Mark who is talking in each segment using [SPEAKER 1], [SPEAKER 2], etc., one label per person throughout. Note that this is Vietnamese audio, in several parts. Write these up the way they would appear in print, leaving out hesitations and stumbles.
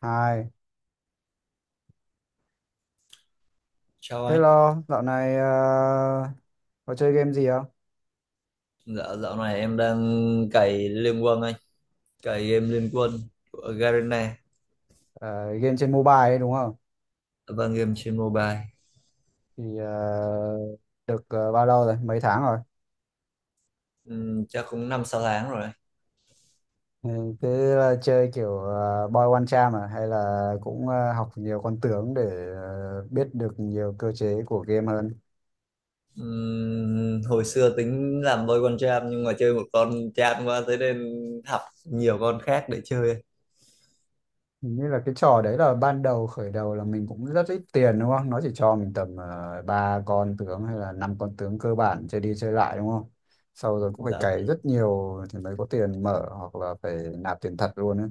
[SPEAKER 1] Hai.
[SPEAKER 2] Chào
[SPEAKER 1] Thế
[SPEAKER 2] anh.
[SPEAKER 1] lo, dạo này ờ, có chơi game gì không?
[SPEAKER 2] Dạ, dạo này em đang cày Liên Quân anh, cày game Liên Quân của Garena
[SPEAKER 1] Ờ, game trên mobile ấy đúng không?
[SPEAKER 2] và game trên mobile.
[SPEAKER 1] Thì ờ, được bao lâu rồi? Mấy tháng rồi?
[SPEAKER 2] Chắc cũng năm sáu tháng rồi.
[SPEAKER 1] Ừ, chơi kiểu boy one charm à? Hay là cũng học nhiều con tướng để biết được nhiều cơ chế của game hơn?
[SPEAKER 2] Hồi xưa tính làm Boy One Jam nhưng mà chơi một con chán quá thế nên học nhiều con khác để chơi.
[SPEAKER 1] Hình như là cái trò đấy là ban đầu khởi đầu là mình cũng rất ít tiền đúng không? Nó chỉ cho mình tầm ba con tướng hay là năm con tướng cơ bản chơi đi chơi lại đúng không? Sau rồi cũng phải
[SPEAKER 2] Dạ.
[SPEAKER 1] cày rất nhiều thì mới có tiền mở hoặc là phải nạp tiền thật luôn ấy.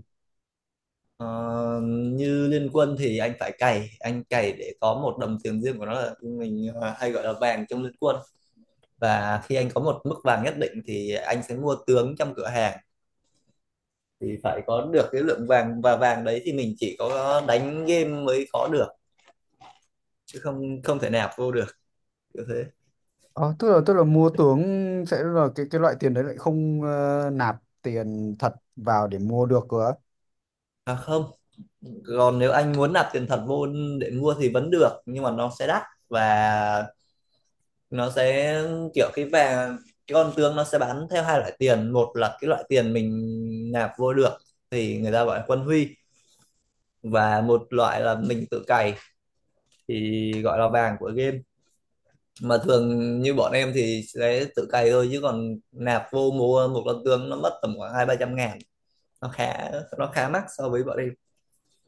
[SPEAKER 2] Ờ, Như Liên Quân thì anh phải cày, anh cày để có một đồng tiền riêng của nó là mình, hay gọi là vàng trong Liên Quân. Và khi anh có một mức vàng nhất định thì anh sẽ mua tướng trong cửa hàng, thì phải có được cái lượng vàng, và vàng đấy thì mình chỉ có đánh game mới có được chứ không không thể nạp vô được như thế.
[SPEAKER 1] Ờ, tức là mua tướng sẽ là cái loại tiền đấy lại không, nạp tiền thật vào để mua được cơ. Á.
[SPEAKER 2] À không, còn nếu anh muốn nạp tiền thật vô để mua thì vẫn được, nhưng mà nó sẽ đắt và nó sẽ kiểu cái vàng. Cái con tương nó sẽ bán theo hai loại tiền: một là cái loại tiền mình nạp vô được thì người ta gọi là quân huy, và một loại là mình tự cày thì gọi là vàng của game. Mà thường như bọn em thì sẽ tự cày thôi, chứ còn nạp vô mua một con tương nó mất tầm khoảng hai ba trăm ngàn, nó khá nó khá mắc so với bọn em.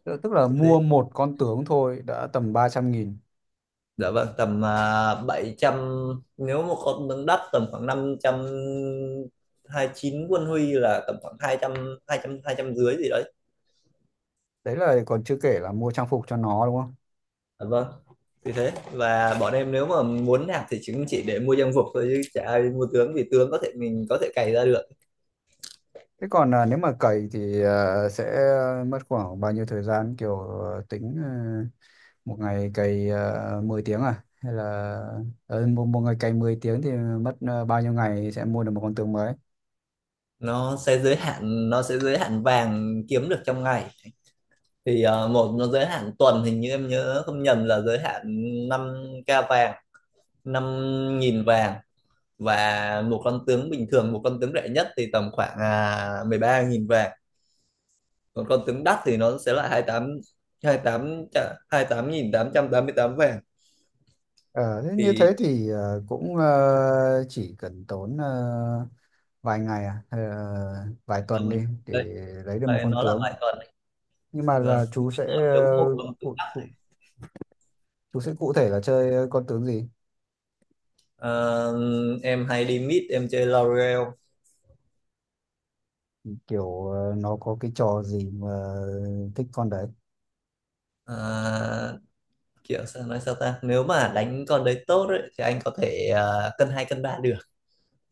[SPEAKER 1] Tức tức là
[SPEAKER 2] Như thế.
[SPEAKER 1] mua một con tướng thôi đã tầm 300 nghìn.
[SPEAKER 2] Dạ vâng, tầm 700. Nếu một con tương đắt tầm khoảng 500 chín quân huy là tầm khoảng hai hai trăm, hai trăm, hai trăm dưới gì đấy.
[SPEAKER 1] Đấy là còn chưa kể là mua trang phục cho nó đúng không?
[SPEAKER 2] Dạ vâng, thì thế. Và bọn em nếu mà muốn nạp thì chúng chỉ để mua trang phục thôi, chứ chả ai mua tướng vì tướng có thể, mình có thể cày ra được.
[SPEAKER 1] Thế còn à, nếu mà cày thì à, sẽ mất khoảng bao nhiêu thời gian, kiểu à, tính à, một ngày cày 10 tiếng à, hay là một ngày cày 10 tiếng thì mất à, bao nhiêu ngày sẽ mua được một con tướng mới.
[SPEAKER 2] Nó sẽ giới hạn vàng kiếm được trong ngày, thì ờ, một nó giới hạn tuần, hình như em nhớ không nhầm là giới hạn năm k vàng 5.000 vàng. Và một con tướng rẻ nhất thì tầm khoảng 13.000 vàng, còn con tướng đắt thì nó sẽ là 28 mươi tám vàng.
[SPEAKER 1] Ờ, thế như
[SPEAKER 2] Thì
[SPEAKER 1] thế thì à, cũng à, chỉ cần tốn à, vài ngày à, hay là vài tuần đi để
[SPEAKER 2] đấy.
[SPEAKER 1] lấy được một
[SPEAKER 2] Đấy,
[SPEAKER 1] con
[SPEAKER 2] nó là
[SPEAKER 1] tướng.
[SPEAKER 2] vài tuần đấy.
[SPEAKER 1] Nhưng mà
[SPEAKER 2] Vâng.
[SPEAKER 1] là chú sẽ
[SPEAKER 2] Nếu
[SPEAKER 1] à,
[SPEAKER 2] có một con tướng
[SPEAKER 1] cụ,
[SPEAKER 2] đắt,
[SPEAKER 1] cụ, chú sẽ cụ thể là chơi con tướng gì?
[SPEAKER 2] ờ, em hay đi mid, em chơi Laurel.
[SPEAKER 1] Kiểu nó có cái trò gì mà thích con đấy?
[SPEAKER 2] Ờ, Kiểu sao nói sao ta, nếu mà đánh con đấy tốt ấy, thì anh có thể cân hai cân ba được,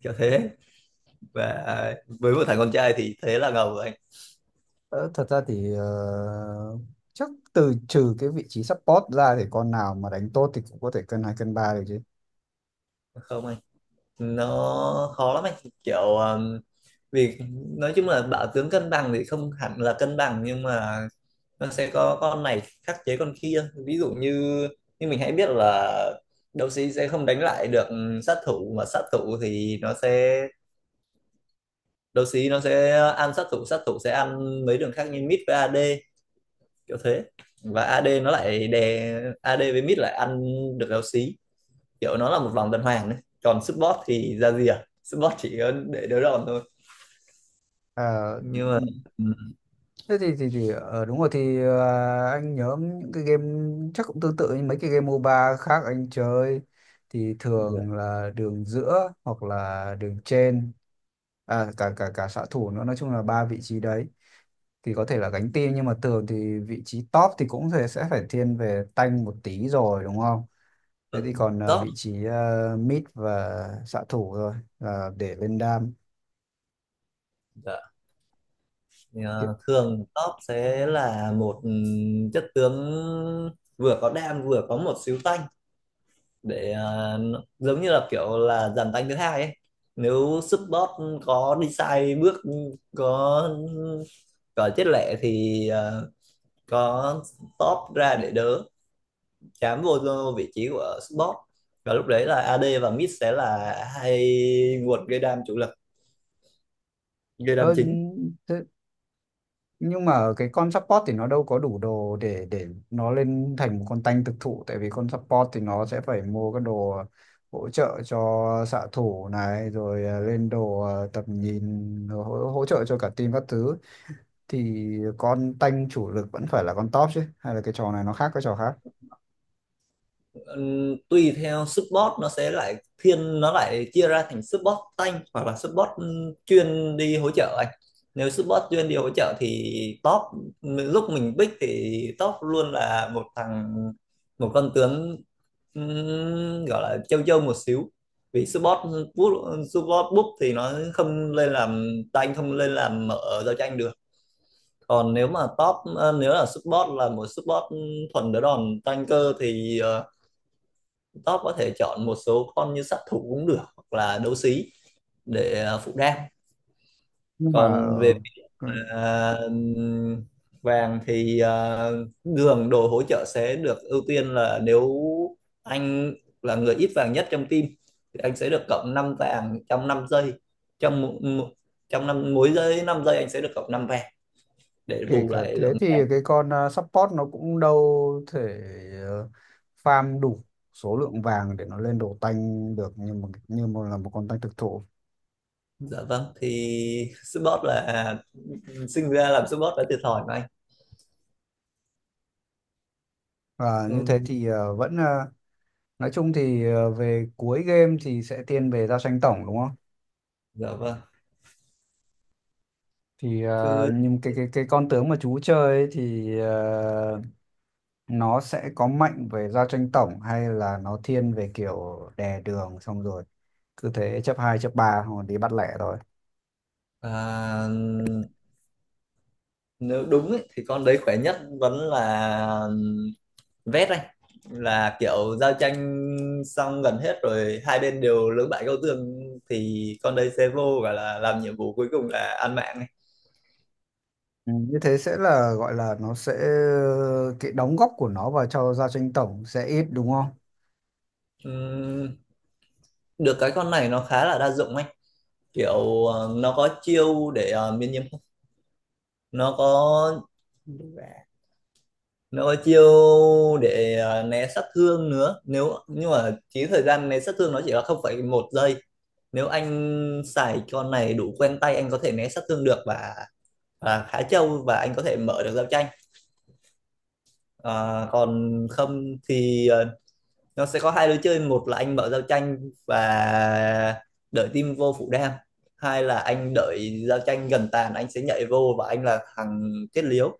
[SPEAKER 2] kiểu thế. Và với một thằng con trai thì thế là ngầu rồi anh.
[SPEAKER 1] Ờ, thật ra thì chắc trừ cái vị trí support ra thì con nào mà đánh tốt thì cũng có thể cân hai cân ba được chứ.
[SPEAKER 2] Không anh, nó khó lắm anh, kiểu vì nói chung là bảo tướng cân bằng thì không hẳn là cân bằng, nhưng mà nó sẽ có con này khắc chế con kia. Ví dụ như như mình hãy biết là đấu sĩ sẽ không đánh lại được sát thủ, mà sát thủ thì nó sẽ, đấu sĩ nó sẽ ăn sát thủ, sát thủ sẽ ăn mấy đường khác như mid với AD, kiểu thế. Và AD nó lại đè, AD với mid lại ăn được éo xí, kiểu nó là một vòng tuần hoàn đấy. Còn support thì ra gì, à support chỉ có để đỡ đòn thôi.
[SPEAKER 1] Ờ,
[SPEAKER 2] Nhưng mà,
[SPEAKER 1] ừ,
[SPEAKER 2] ừ,
[SPEAKER 1] thế thì đúng rồi thì anh nhớ những cái game chắc cũng tương tự như mấy cái game MOBA khác anh chơi thì
[SPEAKER 2] dạ,
[SPEAKER 1] thường là đường giữa hoặc là đường trên, à, cả cả cả xạ thủ nữa, nói chung là ba vị trí đấy thì có thể là gánh team, nhưng mà thường thì vị trí top thì cũng sẽ phải thiên về tanh một tí rồi đúng không? Thế
[SPEAKER 2] ừ,
[SPEAKER 1] thì còn
[SPEAKER 2] top.
[SPEAKER 1] vị trí mid và xạ thủ rồi là để lên đam
[SPEAKER 2] Dạ. Thì,
[SPEAKER 1] kiểu.
[SPEAKER 2] thường top sẽ là một, chất tướng vừa có đam vừa có một xíu tanh để, giống như là kiểu là dàn tanh thứ hai ấy. Nếu support có đi sai bước, có có chết lẹ thì có top ra để đỡ, chám vô vị trí của support, và lúc đấy là AD và mid sẽ là hai nguồn gây đam chủ lực, gây đam
[SPEAKER 1] ờ,
[SPEAKER 2] chính.
[SPEAKER 1] thế, nhưng mà cái con support thì nó đâu có đủ đồ để nó lên thành một con tanh thực thụ, tại vì con support thì nó sẽ phải mua cái đồ hỗ trợ cho xạ thủ này rồi lên đồ tầm nhìn rồi hỗ trợ cho cả team các thứ, thì con tanh chủ lực vẫn phải là con top chứ, hay là cái trò này nó khác cái trò khác?
[SPEAKER 2] Tùy theo support, nó sẽ lại thiên, nó lại chia ra thành support tank hoặc là support chuyên đi hỗ trợ anh. Nếu support chuyên đi hỗ trợ thì top, lúc mình pick thì top luôn là một con tướng, gọi là châu châu một xíu, vì support búp thì nó không lên làm tank, không lên làm mở giao tranh được. Còn nếu mà nếu là một support thuần đỡ đòn tanker thì, top có thể chọn một số con như sát thủ cũng được, hoặc là đấu sĩ để phụ đam.
[SPEAKER 1] Nhưng mà
[SPEAKER 2] Còn về
[SPEAKER 1] ờ, ờ,
[SPEAKER 2] à, vàng thì đường đồ hỗ trợ sẽ được ưu tiên là nếu anh là người ít vàng nhất trong team thì anh sẽ được cộng 5 vàng trong 5 giây, trong một- trong năm, mỗi giây 5 giây anh sẽ được cộng 5 vàng để
[SPEAKER 1] kể
[SPEAKER 2] bù
[SPEAKER 1] cả
[SPEAKER 2] lại lượng
[SPEAKER 1] thế thì
[SPEAKER 2] vàng.
[SPEAKER 1] cái con support nó cũng đâu thể ờ, farm đủ số lượng vàng để nó lên đồ tanh được như một là một con tanh thực thụ.
[SPEAKER 2] Dạ vâng, thì support là, sinh ra làm support đã thiệt thòi mà anh.
[SPEAKER 1] Và như thế
[SPEAKER 2] Ừ,
[SPEAKER 1] thì nói chung thì về cuối game thì sẽ thiên về giao tranh tổng đúng không?
[SPEAKER 2] dạ vâng,
[SPEAKER 1] Thì
[SPEAKER 2] chứ.
[SPEAKER 1] nhưng cái con tướng mà chú chơi ấy thì nó sẽ có mạnh về gia tranh tổng hay là nó thiên về kiểu đè đường xong rồi cứ thế chấp hai chấp ba hoặc đi bắt lẻ thôi?
[SPEAKER 2] À, nếu đúng ấy, thì con đấy khỏe nhất vẫn là vét anh, là kiểu giao tranh xong gần hết rồi, hai bên đều lưỡng bại câu thương thì con đấy sẽ vô và là làm nhiệm vụ cuối cùng là ăn mạng ấy.
[SPEAKER 1] Ừ, như thế sẽ là gọi là nó sẽ cái đóng góp của nó vào cho gia tranh tổng sẽ ít đúng không?
[SPEAKER 2] Ừm, Được cái con này nó khá là đa dụng anh, kiểu nó có chiêu để miễn nhiễm, nó có nó có chiêu để né sát thương nữa. Nhưng mà chỉ thời gian né sát thương nó chỉ là 0,1 giây. Nếu anh xài con này đủ quen tay, anh có thể né sát thương được, và khá trâu, và anh có thể mở được giao tranh. Còn không thì nó sẽ có hai lối chơi: một là anh mở giao tranh và đợi team vô phủ đam, hai là anh đợi giao tranh gần tàn anh sẽ nhảy vô và anh là thằng kết liễu,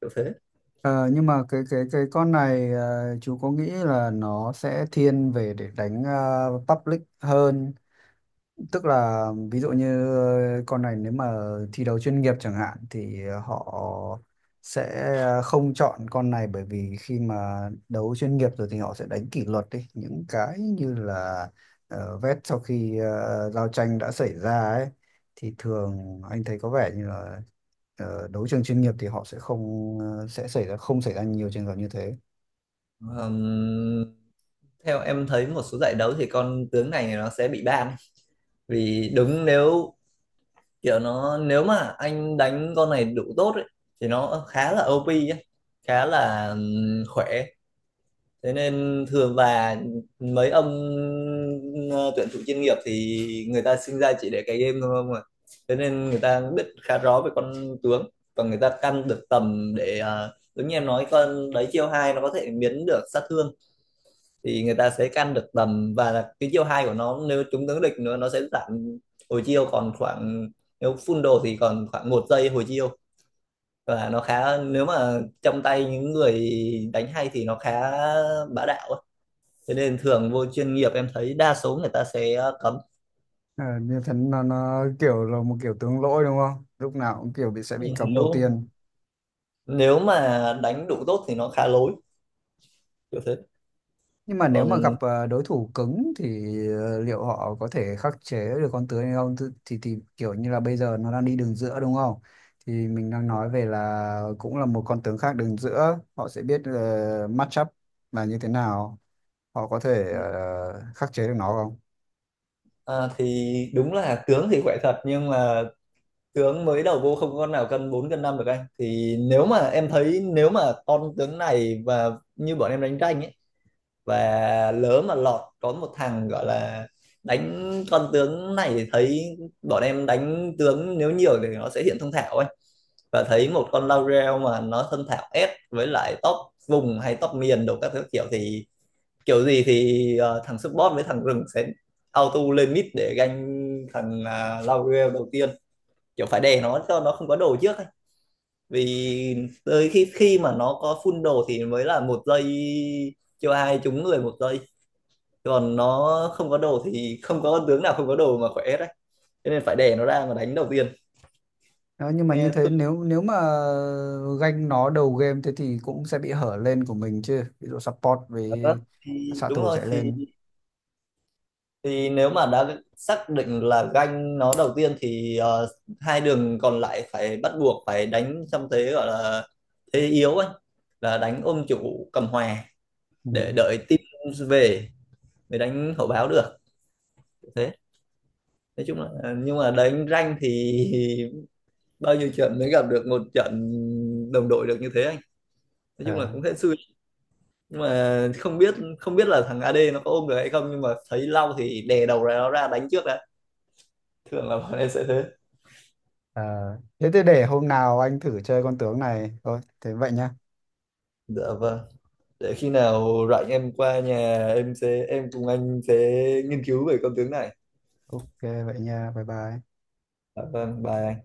[SPEAKER 2] kiểu thế.
[SPEAKER 1] Ờ, nhưng mà cái con này chú có nghĩ là nó sẽ thiên về để đánh public hơn? Tức là ví dụ như con này nếu mà thi đấu chuyên nghiệp chẳng hạn thì họ sẽ không chọn con này, bởi vì khi mà đấu chuyên nghiệp rồi thì họ sẽ đánh kỷ luật đi những cái như là vét sau khi giao tranh đã xảy ra ấy, thì thường anh thấy có vẻ như là đấu trường chuyên nghiệp thì họ sẽ không, sẽ xảy ra không xảy ra nhiều trường hợp như thế.
[SPEAKER 2] Ờm, Theo em thấy một số giải đấu thì con tướng này nó sẽ bị ban, vì đúng, nếu kiểu nó nếu mà anh đánh con này đủ tốt ấy, thì nó khá là OP ấy, khá là khỏe, thế nên thường, và mấy ông ờ, tuyển thủ chuyên nghiệp thì người ta sinh ra chỉ để cái game thôi không à, thế nên người ta biết khá rõ về con tướng và người ta căn được tầm để, giống như em nói, con đấy chiêu hai nó có thể biến được sát thương. Thì người ta sẽ căn được tầm, và cái chiều hai của nó nếu trúng tướng địch nữa, nó sẽ giảm hồi chiêu còn khoảng, nếu full đồ thì còn khoảng một giây hồi chiêu. Và nó khá, nếu mà trong tay những người đánh hay thì nó khá bá đạo ấy. Thế nên thường vô chuyên nghiệp em thấy đa số người ta sẽ cấm.
[SPEAKER 1] Ờ, như thế nó kiểu là một kiểu tướng lỗi đúng không? Lúc nào cũng kiểu sẽ bị cấm đầu
[SPEAKER 2] nếu
[SPEAKER 1] tiên.
[SPEAKER 2] nếu mà đánh đủ tốt thì nó khá lối, kiểu thế.
[SPEAKER 1] Nhưng mà nếu mà gặp
[SPEAKER 2] Còn
[SPEAKER 1] đối thủ cứng thì liệu họ có thể khắc chế được con tướng hay không? Thì kiểu như là bây giờ nó đang đi đường giữa đúng không? Thì mình đang nói về là cũng là một con tướng khác đường giữa, họ sẽ biết match up là như thế nào, họ có thể khắc chế được nó không?
[SPEAKER 2] thì đúng là tướng thì khỏe thật, nhưng mà tướng mới đầu vô không con nào cân 4 cân 5 được anh, thì nếu mà em thấy, nếu mà con tướng này và như bọn em đánh tranh ấy, và lỡ mà lọt có một thằng gọi là đánh con tướng này, thì thấy bọn em đánh tướng nếu nhiều thì nó sẽ hiện thông thạo anh. Và thấy một con Laurel mà nó thân thạo S với lại top vùng hay top miền đồ các thứ, kiểu thì, kiểu gì thì thằng support với thằng rừng sẽ auto lên mid để ganh thằng Laurel đầu tiên, kiểu phải đè nó cho nó không có đồ trước ấy. Vì tới khi khi mà nó có full đồ thì mới là một giây, cho ai trúng người một giây. Còn nó không có đồ thì không có con tướng nào không có đồ mà khỏe đấy, cho nên phải đè nó ra mà đánh đầu tiên,
[SPEAKER 1] Đó, nhưng mà như
[SPEAKER 2] nghe
[SPEAKER 1] thế
[SPEAKER 2] thương
[SPEAKER 1] nếu nếu mà ganh nó đầu game thế thì cũng sẽ bị hở lên của mình chứ. Ví dụ support với
[SPEAKER 2] cảm giác. Thì
[SPEAKER 1] xạ
[SPEAKER 2] đúng
[SPEAKER 1] thủ
[SPEAKER 2] rồi.
[SPEAKER 1] chạy
[SPEAKER 2] thì
[SPEAKER 1] lên.
[SPEAKER 2] thì nếu mà đã xác định là ganh nó đầu tiên thì hai đường còn lại phải bắt buộc phải đánh trong thế gọi là thế yếu ấy, là đánh ôm chủ cầm hòa để đợi team về mới đánh hậu báo được thế. Nói chung là nhưng mà đánh ranh thì bao nhiêu trận mới gặp được một trận đồng đội được như thế anh, nói
[SPEAKER 1] Ừ.
[SPEAKER 2] chung là cũng hên xui. Nhưng mà không biết là thằng AD nó có ôm được hay không, nhưng mà thấy Lau thì đè đầu ra nó ra đánh trước đã. Thường là bọn em sẽ thế.
[SPEAKER 1] À, thế thì để hôm nào anh thử chơi con tướng này thôi. Thế vậy nhá.
[SPEAKER 2] Dạ vâng. Để khi nào rảnh em qua nhà, em sẽ em cùng anh sẽ nghiên cứu về con tướng này.
[SPEAKER 1] Ok vậy nha. Bye bye.
[SPEAKER 2] Dạ vâng, bài.